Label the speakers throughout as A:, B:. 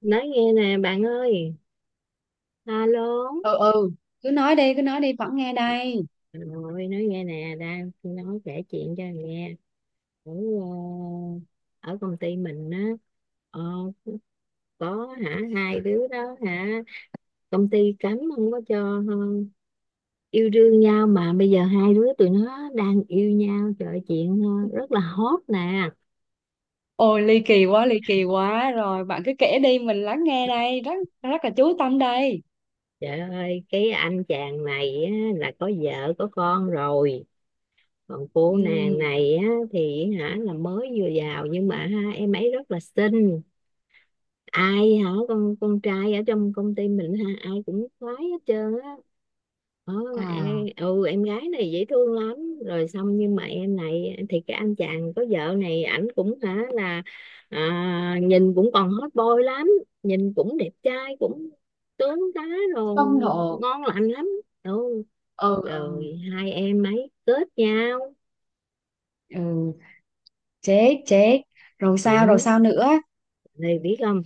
A: Nói nghe nè bạn ơi. Alo.
B: Ừ, ừ, cứ nói đi, cứ nói đi, vẫn nghe đây.
A: Rồi nói nghe nè, đang nói kể chuyện cho nghe. Ở ờ, ở công ty mình á. ờ, có hả, hai đứa đó hả, công ty cấm không có cho yêu đương nhau, mà bây giờ hai đứa tụi nó đang yêu nhau. Trời ơi, chuyện rất là hot nè.
B: Ôi, ly kỳ quá, ly kỳ quá, rồi bạn cứ kể đi, mình lắng nghe đây, rất rất là chú tâm đây.
A: Trời ơi, cái anh chàng này á, là có vợ có con rồi. Còn cô nàng
B: Ừ.
A: này á, thì hả, là mới vừa vào, nhưng mà ha, em ấy rất là xinh. Ai hả, con trai ở trong công ty mình ha ai cũng khoái hết trơn á. Ờ, em,
B: À,
A: em gái này dễ thương lắm. Rồi xong, nhưng mà em này thì cái anh chàng có vợ này, ảnh cũng hả là nhìn cũng còn hot boy lắm. Nhìn cũng đẹp trai, cũng tướng tá, rồi
B: phong độ.
A: ngon lành lắm. Ừ.
B: Ừ, ừ,
A: Rồi hai em ấy kết nhau.
B: ừ. Chết, chết. Rồi sao,
A: Ừ.
B: rồi sao nữa?
A: Thì biết không,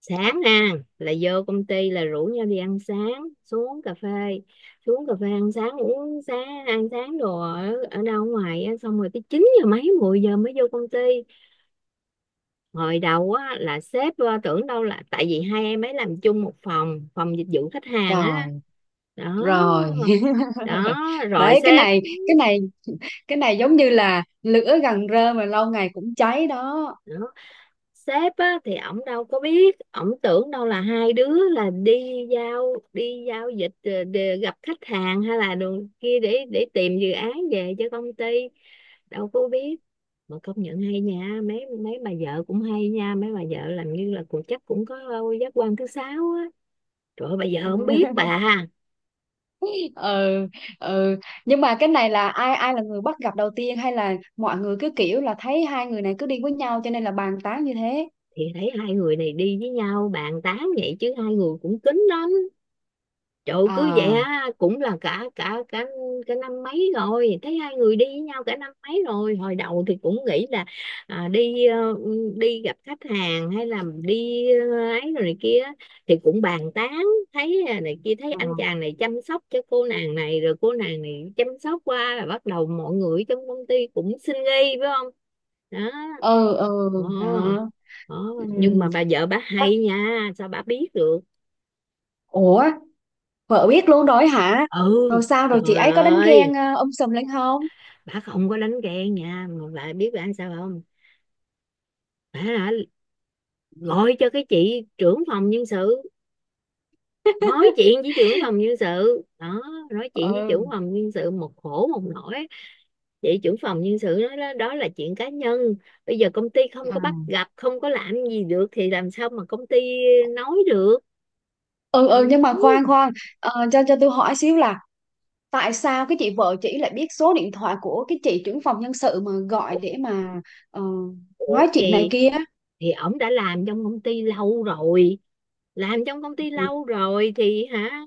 A: sáng nè là vô công ty là rủ nhau đi ăn sáng, xuống cà phê. Xuống cà phê ăn sáng, uống sáng ăn sáng đồ ở, ở đâu ngoài á, xong rồi tới 9 giờ mấy, 10 giờ mới vô công ty. Hồi đầu á là sếp tưởng đâu là tại vì hai em ấy làm chung một phòng, phòng dịch vụ khách hàng á.
B: Rồi,
A: Đó
B: rồi.
A: đó. Rồi
B: đấy cái
A: sếp.
B: này cái này cái này giống như là lửa gần rơm mà lâu ngày cũng cháy đó.
A: Đó. Sếp á, thì ổng đâu có biết, ổng tưởng đâu là hai đứa là đi giao, đi giao dịch để gặp khách hàng, hay là đường kia để tìm dự án về cho công ty. Đâu có biết. Mà công nhận hay nha, mấy mấy bà vợ cũng hay nha, mấy bà vợ làm như là cũng chắc cũng có giác quan thứ sáu á. Trời ơi, bà vợ không biết bà.
B: Ừ, ừ, nhưng mà cái này là ai ai là người bắt gặp đầu tiên, hay là mọi người cứ kiểu là thấy hai người này cứ đi với nhau cho nên là bàn tán như thế?
A: Thì thấy hai người này đi với nhau bàn tán vậy, chứ hai người cũng kín lắm. Trời ơi, cứ vậy
B: À.
A: á, cũng là cả cả cả cả năm mấy rồi thấy hai người đi với nhau cả năm mấy rồi. Hồi đầu thì cũng nghĩ là đi đi gặp khách hàng, hay là đi ấy rồi này kia, thì cũng bàn tán. Thấy này kia, thấy anh
B: Ừ,
A: chàng này chăm sóc cho cô nàng này, rồi cô nàng này chăm sóc qua, là bắt đầu mọi người trong công ty cũng xin nghi phải không. Đó.
B: ừ, ừ.
A: ờ,
B: Đó.
A: ờ.
B: Ừ.
A: Nhưng mà bà vợ bà hay
B: chắc-
A: nha, sao bà biết được.
B: Ủa, vợ biết luôn rồi hả?
A: Ừ.
B: Rồi sao, rồi chị
A: Trời
B: ấy có đánh
A: ơi,
B: ghen sùm lên không?
A: bà không có đánh ghen nha, mà bà biết bà sao không. Bà hả, gọi cho cái chị trưởng phòng nhân sự, nói chuyện với trưởng phòng nhân sự đó. Nói chuyện với
B: Ừ.
A: trưởng phòng nhân sự một khổ một nỗi, chị trưởng phòng nhân sự nói đó, đó là chuyện cá nhân. Bây giờ công ty không có
B: À.
A: bắt gặp, không có làm gì được, thì làm sao mà công ty nói được.
B: Ừ, ừ, nhưng mà khoan
A: Ừ.
B: khoan. Cho tôi hỏi xíu là tại sao cái chị vợ chị lại biết số điện thoại của cái chị trưởng phòng nhân sự mà gọi để mà ờ,
A: Ủa
B: nói chuyện này
A: thì
B: kia?
A: thì ổng đã làm trong công ty lâu rồi. Làm trong công ty lâu rồi thì hả,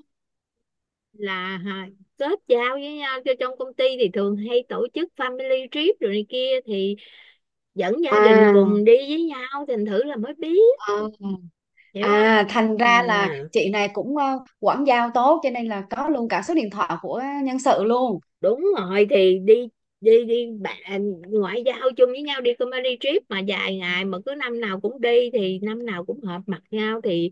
A: là hả, kết giao với nhau cho trong công ty thì thường hay tổ chức family trip rồi này kia, thì dẫn gia đình
B: À,
A: cùng đi với nhau, thành thử là mới biết.
B: à,
A: Hiểu không.
B: à, thành
A: Ừ.
B: ra là chị này cũng quảng giao tốt, cho nên là có luôn cả số điện thoại của nhân sự luôn.
A: Đúng rồi, thì đi, đi đi bạn, ngoại giao chung với nhau, đi company trip mà dài ngày, mà cứ năm nào cũng đi thì năm nào cũng hợp mặt nhau, thì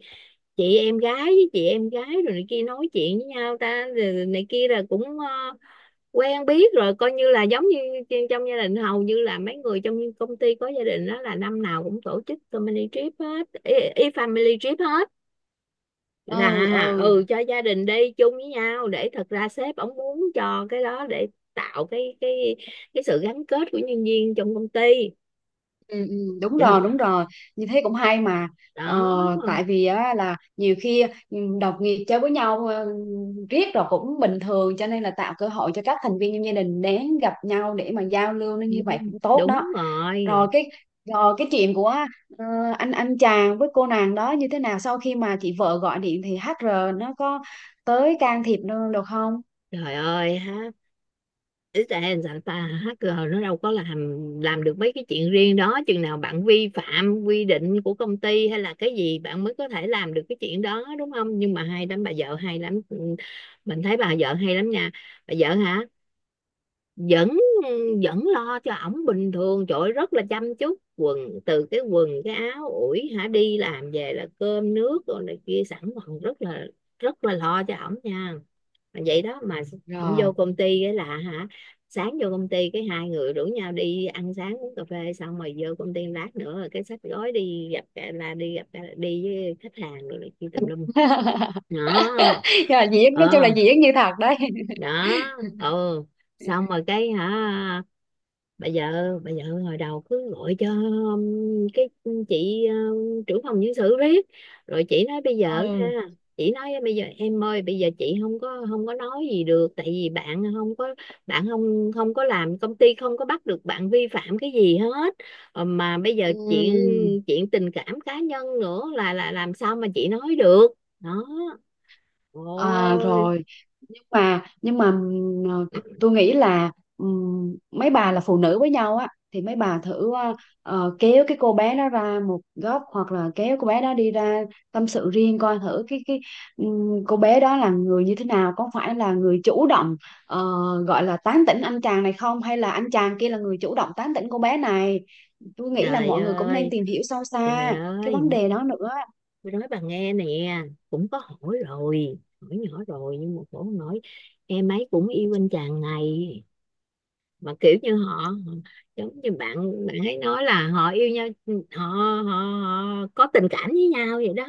A: chị em gái với chị em gái rồi này kia nói chuyện với nhau ta rồi này kia, là cũng quen biết rồi, coi như là giống như trong gia đình. Hầu như là mấy người trong công ty có gia đình đó là năm nào cũng tổ chức company trip hết, y family trip hết.
B: Ừ,
A: Là
B: ừ,
A: ừ, cho gia đình đi chung với nhau để, thật ra sếp ổng muốn cho cái đó để tạo cái cái sự gắn kết của nhân viên trong công ty.
B: ừ, ừ, đúng
A: Cho
B: rồi,
A: nên.
B: đúng rồi, như thế cũng hay mà. ờ,
A: Đó.
B: Tại vì á, là nhiều khi đồng nghiệp chơi với nhau riết rồi cũng bình thường, cho nên là tạo cơ hội cho các thành viên trong gia đình đến gặp nhau để mà giao lưu, nó như vậy
A: Đúng,
B: cũng tốt đó.
A: đúng rồi.
B: Rồi cái, chuyện của ờ, anh chàng với cô nàng đó như thế nào, sau khi mà chị vợ gọi điện thì HR nó có tới can thiệp nữa được không?
A: Trời ơi ha, Israel sao ta, hacker nó đâu có làm được mấy cái chuyện riêng đó. Chừng nào bạn vi phạm quy định của công ty hay là cái gì, bạn mới có thể làm được cái chuyện đó đúng không. Nhưng mà hay lắm, bà vợ hay lắm. Ừ. Mình thấy bà vợ hay lắm nha. Bà vợ hả, vẫn vẫn lo cho ổng bình thường. Trời ơi, rất là chăm chút quần, từ cái quần cái áo ủi hả, đi làm về là cơm nước rồi này kia sẵn, còn rất là, rất là lo cho ổng nha. Mà vậy đó mà ổng
B: Rồi.
A: vô công ty cái là hả, sáng vô công ty cái hai người rủ nhau đi ăn sáng uống cà phê, xong rồi vô công ty lát nữa, rồi cái xách gói đi gặp, là đi gặp, đi với khách hàng rồi này kia tùm lum. Đó.
B: Rồi, diễn, nói chung là
A: Ờ.
B: diễn như thật đấy.
A: Đó. Ừ. Xong rồi cái hả, bà vợ, bà vợ hồi đầu cứ gọi cho cái chị, trưởng phòng nhân sự riết. Rồi chị nói bây giờ ha,
B: Ừ.
A: chị nói bây giờ em ơi, bây giờ chị không có, không có nói gì được, tại vì bạn không có, bạn không không có làm, công ty không có bắt được bạn vi phạm cái gì hết. Ờ, mà bây giờ chuyện,
B: Ừ.
A: chuyện tình cảm cá nhân nữa là làm sao mà chị nói được. Đó.
B: À
A: Ôi.
B: rồi, nhưng mà tôi nghĩ là mấy bà là phụ nữ với nhau á thì mấy bà thử kéo cái cô bé đó ra một góc, hoặc là kéo cô bé đó đi ra tâm sự riêng, coi thử cái cô bé đó là người như thế nào, có phải là người chủ động ờ, gọi là tán tỉnh anh chàng này không, hay là anh chàng kia là người chủ động tán tỉnh cô bé này. Tôi nghĩ là
A: Trời
B: mọi người cũng nên
A: ơi.
B: tìm hiểu sâu
A: Trời
B: xa cái
A: ơi.
B: vấn đề đó nữa.
A: Tôi nói bà nghe nè, cũng có hỏi rồi, hỏi nhỏ rồi, nhưng mà cổ nói em ấy cũng yêu anh chàng này. Mà kiểu như họ, giống như bạn bạn ấy nói là họ yêu nhau, họ, họ, họ có tình cảm với nhau vậy đó.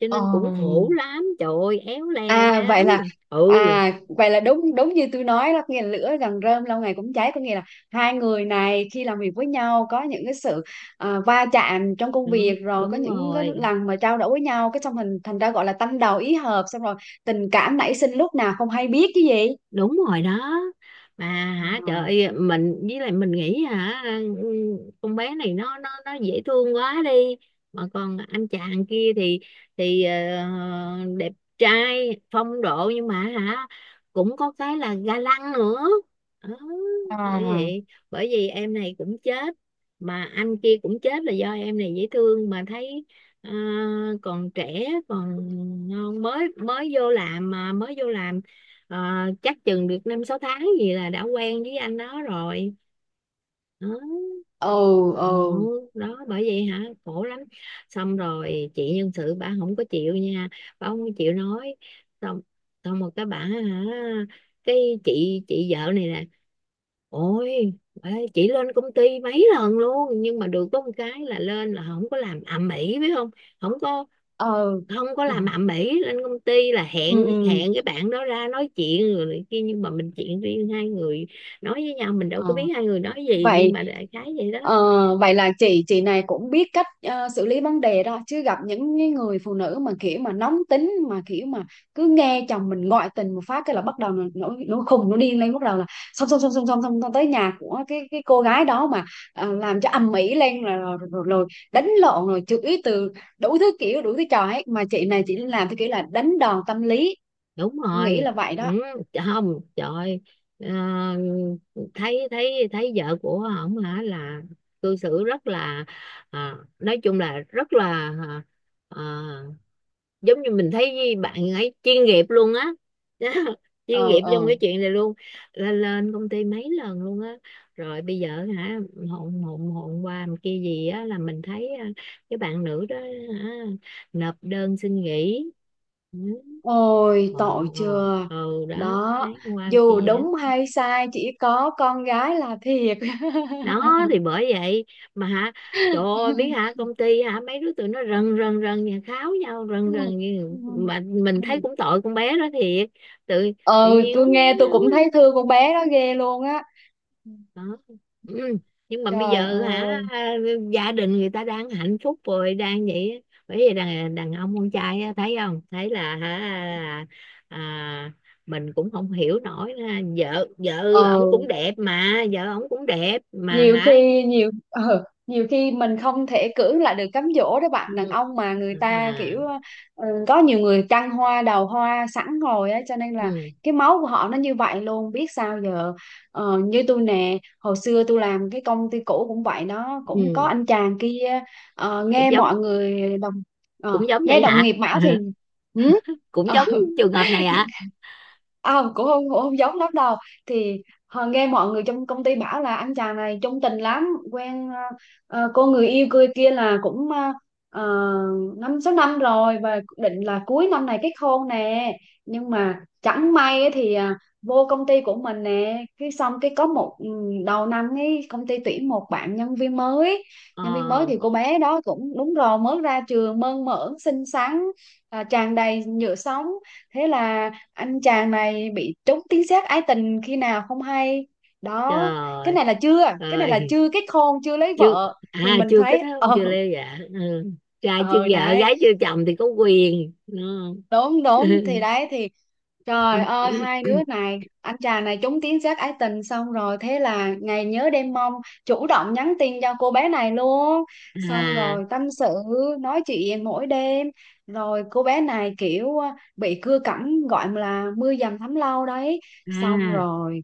A: Cho
B: Ờ,
A: nên cũng khổ lắm, trời ơi éo le la
B: À
A: lắm.
B: vậy là
A: Ừ.
B: à vậy là đúng, đúng như tôi nói đó, nghĩa là lửa gần rơm lâu ngày cũng cháy, có nghĩa là hai người này khi làm việc với nhau có những cái sự va chạm trong công việc,
A: Đúng,
B: rồi có
A: đúng
B: những cái
A: rồi.
B: lần mà trao đổi với nhau cái xong thành thành ra gọi là tâm đầu ý hợp, xong rồi tình cảm nảy sinh lúc nào không hay biết chứ gì.
A: Đúng rồi đó. Mà hả, trời ơi, mình với lại mình nghĩ hả, ừ, con bé này nó dễ thương quá đi. Mà còn anh chàng kia thì đẹp trai phong độ, nhưng mà hả cũng có cái là ga lăng nữa. Đó. Bởi
B: À.
A: vậy, bởi vì em này cũng chết, mà anh kia cũng chết là do em này dễ thương, mà thấy ờ, còn trẻ còn ngon, mới mới vô làm mà mới vô làm. Ờ, chắc chừng được năm sáu tháng gì là đã quen với anh đó rồi. Đó.
B: Ừ, ừ,
A: Ồ, đó bởi vậy hả, khổ lắm. Xong rồi chị nhân sự bà không có chịu nha, bà không có chịu nói. Xong Xong một cái bà hả, cái chị vợ này nè, ôi bà ơi, chị lên công ty mấy lần luôn, nhưng mà được có một cái là lên là không có làm ầm ĩ biết không. Không có,
B: ừ.
A: không có làm ầm ĩ, lên công ty là hẹn
B: Ừ, ừ.
A: hẹn cái bạn đó ra nói chuyện rồi này kia, nhưng mà mình chuyện riêng hai người nói với nhau, mình đâu
B: Ờ.
A: có biết hai người nói gì, nhưng
B: vậy
A: mà đại khái vậy đó.
B: vậy là chị này cũng biết cách xử lý vấn đề đó, chứ gặp những cái người phụ nữ mà kiểu mà nóng tính, mà kiểu mà cứ nghe chồng mình ngoại tình một phát cái là bắt đầu nó khùng nó điên lên, bắt đầu là xong xong xong xong xong xong xong, tới nhà của cái cô gái đó mà làm cho ầm ĩ lên, rồi, rồi, rồi, rồi đánh lộn, rồi chửi từ đủ thứ kiểu, đủ thứ trò ấy, mà chị này chỉ làm theo kiểu là đánh đòn tâm lý,
A: Đúng
B: nghĩ
A: rồi.
B: là vậy
A: Ừ,
B: đó.
A: không trời. ờ, Thấy, thấy vợ của ổng hả, là cư xử rất là nói chung là rất là, à, ờ, giống như mình thấy bạn ấy chuyên nghiệp luôn á. Chuyên
B: Ờ,
A: nghiệp trong
B: ờ.
A: cái chuyện này luôn. Là lên công ty mấy lần luôn á. Rồi bây giờ hả, hôm hôm hôm qua một kia gì á, là mình thấy cái bạn nữ đó hả, nộp đơn xin nghỉ. Ừ.
B: Ôi
A: ờ,
B: tội chưa.
A: Đó
B: Đó.
A: thấy qua một
B: Dù
A: kia vậy á.
B: đúng hay sai, chỉ có con gái là thiệt.
A: Đó thì bởi vậy, mà hả, trời ơi biết hả, công ty hả mấy đứa tụi nó rần rần rần nhà kháo nhau rần rần, như mà mình thấy cũng tội con bé đó thiệt. Tự Tự
B: Ừ,
A: nhiên.
B: tôi nghe tôi cũng thấy thương con bé đó ghê luôn á.
A: Đó. Ừ. Nhưng mà bây
B: Trời
A: giờ hả,
B: ơi.
A: gia đình người ta đang hạnh phúc rồi đang vậy á. Bởi vì đàn đàn ông con trai á, thấy không, thấy là hả à, mình cũng không hiểu nổi ha. Vợ Vợ ổng
B: Ờ,
A: cũng đẹp, mà vợ ổng cũng đẹp mà
B: nhiều
A: hả.
B: khi nhiều khi mình không thể cưỡng lại được cám dỗ đó bạn, đàn
A: Ừ.
B: ông mà người ta kiểu
A: À.
B: có nhiều người trăng hoa đầu hoa sẵn rồi á, cho nên là
A: Ừ.
B: cái máu của họ nó như vậy luôn, biết sao giờ. Ờ, như tôi nè, hồi xưa tôi làm cái công ty cũ cũng vậy, nó cũng có
A: Ừ.
B: anh chàng kia. ờ,
A: Cũng
B: nghe
A: giống,
B: mọi người đồng
A: cũng giống
B: Nghe
A: vậy
B: đồng
A: hả.
B: nghiệp bảo thì ừ,
A: Cũng
B: Ờ,
A: giống trường hợp này hả.
B: cũng không giống lắm đâu. Thì họ nghe mọi người trong công ty bảo là anh chàng này chung tình lắm, quen cô người yêu cười kia là cũng 5-6 năm rồi, và định là cuối năm này kết hôn nè. Nhưng mà chẳng may ấy thì vô công ty của mình nè, cái xong cái có một đầu năm ấy công ty tuyển một bạn nhân viên mới. Nhân viên mới
A: Ờ.
B: thì cô bé đó cũng đúng rồi, mới ra trường, mơn mởn xinh xắn, tràn đầy nhựa sống. Thế là anh chàng này bị trúng tiếng sét ái tình khi nào không hay. Đó, cái
A: Trời
B: này là chưa, cái này là
A: ơi
B: chưa kết hôn, chưa lấy
A: chưa.
B: vợ thì
A: À
B: mình
A: chưa kết
B: thấy.
A: hôn
B: Ờ
A: chưa lê dạ. Ừ. Trai chưa
B: ờ
A: vợ
B: Đấy,
A: gái chưa chồng thì có quyền. Ừ.
B: đúng đúng thì đấy thì, trời ơi hai đứa này, anh chàng này trúng tiếng giác ái tình, xong rồi thế là ngày nhớ đêm mong, chủ động nhắn tin cho cô bé này luôn, xong rồi
A: À.
B: tâm sự, nói chuyện mỗi đêm, rồi cô bé này kiểu bị cưa cẩm gọi là mưa dầm thấm lâu đấy, xong
A: À.
B: rồi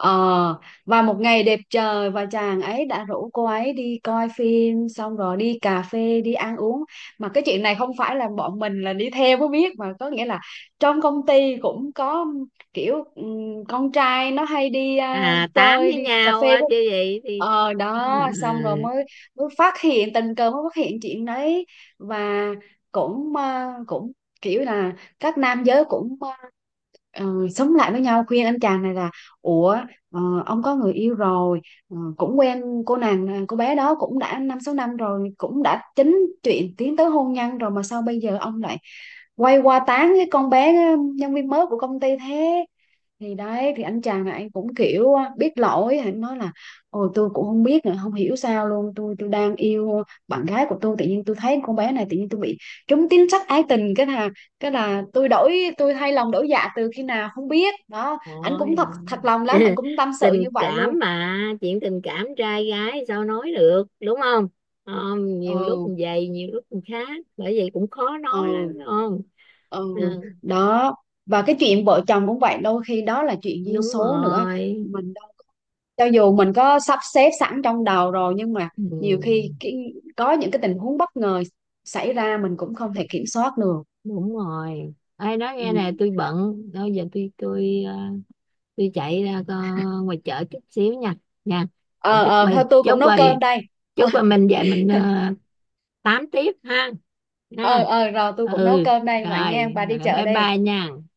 B: ờ và một ngày đẹp trời và chàng ấy đã rủ cô ấy đi coi phim, xong rồi đi cà phê, đi ăn uống. Mà cái chuyện này không phải là bọn mình là đi theo mới biết mà, có nghĩa là trong công ty cũng có kiểu con trai nó hay đi
A: À tám
B: chơi
A: với
B: đi cà
A: nhau
B: phê
A: á
B: với
A: chứ gì thì.
B: đó, xong rồi
A: Ừ.
B: mới mới phát hiện tình cờ, mới phát hiện chuyện đấy. Và cũng cũng kiểu là các nam giới cũng ờ, sống lại với nhau, khuyên anh chàng này là ủa, ờ, ông có người yêu rồi, cũng quen cô nàng, cô bé đó cũng đã 5-6 năm rồi, cũng đã chính chuyện tiến tới hôn nhân rồi, mà sao bây giờ ông lại quay qua tán cái con bé nhân viên mới của công ty thế? Thì đấy thì anh chàng này anh cũng kiểu á, biết lỗi, anh nói là ôi tôi cũng không biết nữa, không hiểu sao luôn, tôi đang yêu bạn gái của tôi, tự nhiên tôi thấy con bé này, tự nhiên tôi bị trúng tín sắc ái tình, cái là tôi thay lòng đổi dạ từ khi nào không biết đó, anh
A: Ôi.
B: cũng thật thật lòng lắm, anh cũng tâm sự như
A: Tình
B: vậy
A: cảm
B: luôn.
A: mà, chuyện tình cảm trai gái sao nói được đúng không. Không, nhiều lúc
B: Ừ,
A: mình vậy nhiều lúc mình khác, bởi vậy cũng khó nói
B: ừ,
A: lắm đúng không.
B: ừ.
A: Ừ,
B: Đó. Và cái chuyện vợ chồng cũng vậy, đôi khi đó là chuyện duyên
A: đúng
B: số nữa.
A: rồi.
B: mình cho dù mình có sắp xếp sẵn trong đầu rồi, nhưng mà nhiều
A: Ừ,
B: khi có những cái tình huống bất ngờ xảy ra mình cũng không thể kiểm soát được.
A: đúng rồi. Ai nói
B: Ừ.
A: nghe nè, tôi bận bây giờ, tôi tôi chạy ra ngoài chợ chút xíu nha. Nha.
B: Ờ,
A: Chúc
B: ờ,
A: mình,
B: thôi tôi cũng
A: chúc
B: nấu
A: rồi,
B: cơm đây. Ờ,
A: chúc rồi mình về mình tám tiếp ha. Nha.
B: ờ, ờ, rồi tôi
A: Ừ.
B: cũng nấu cơm đây vậy nghe.
A: Rồi,
B: Bà đi
A: rồi
B: chợ
A: bye
B: đi.
A: bye nha.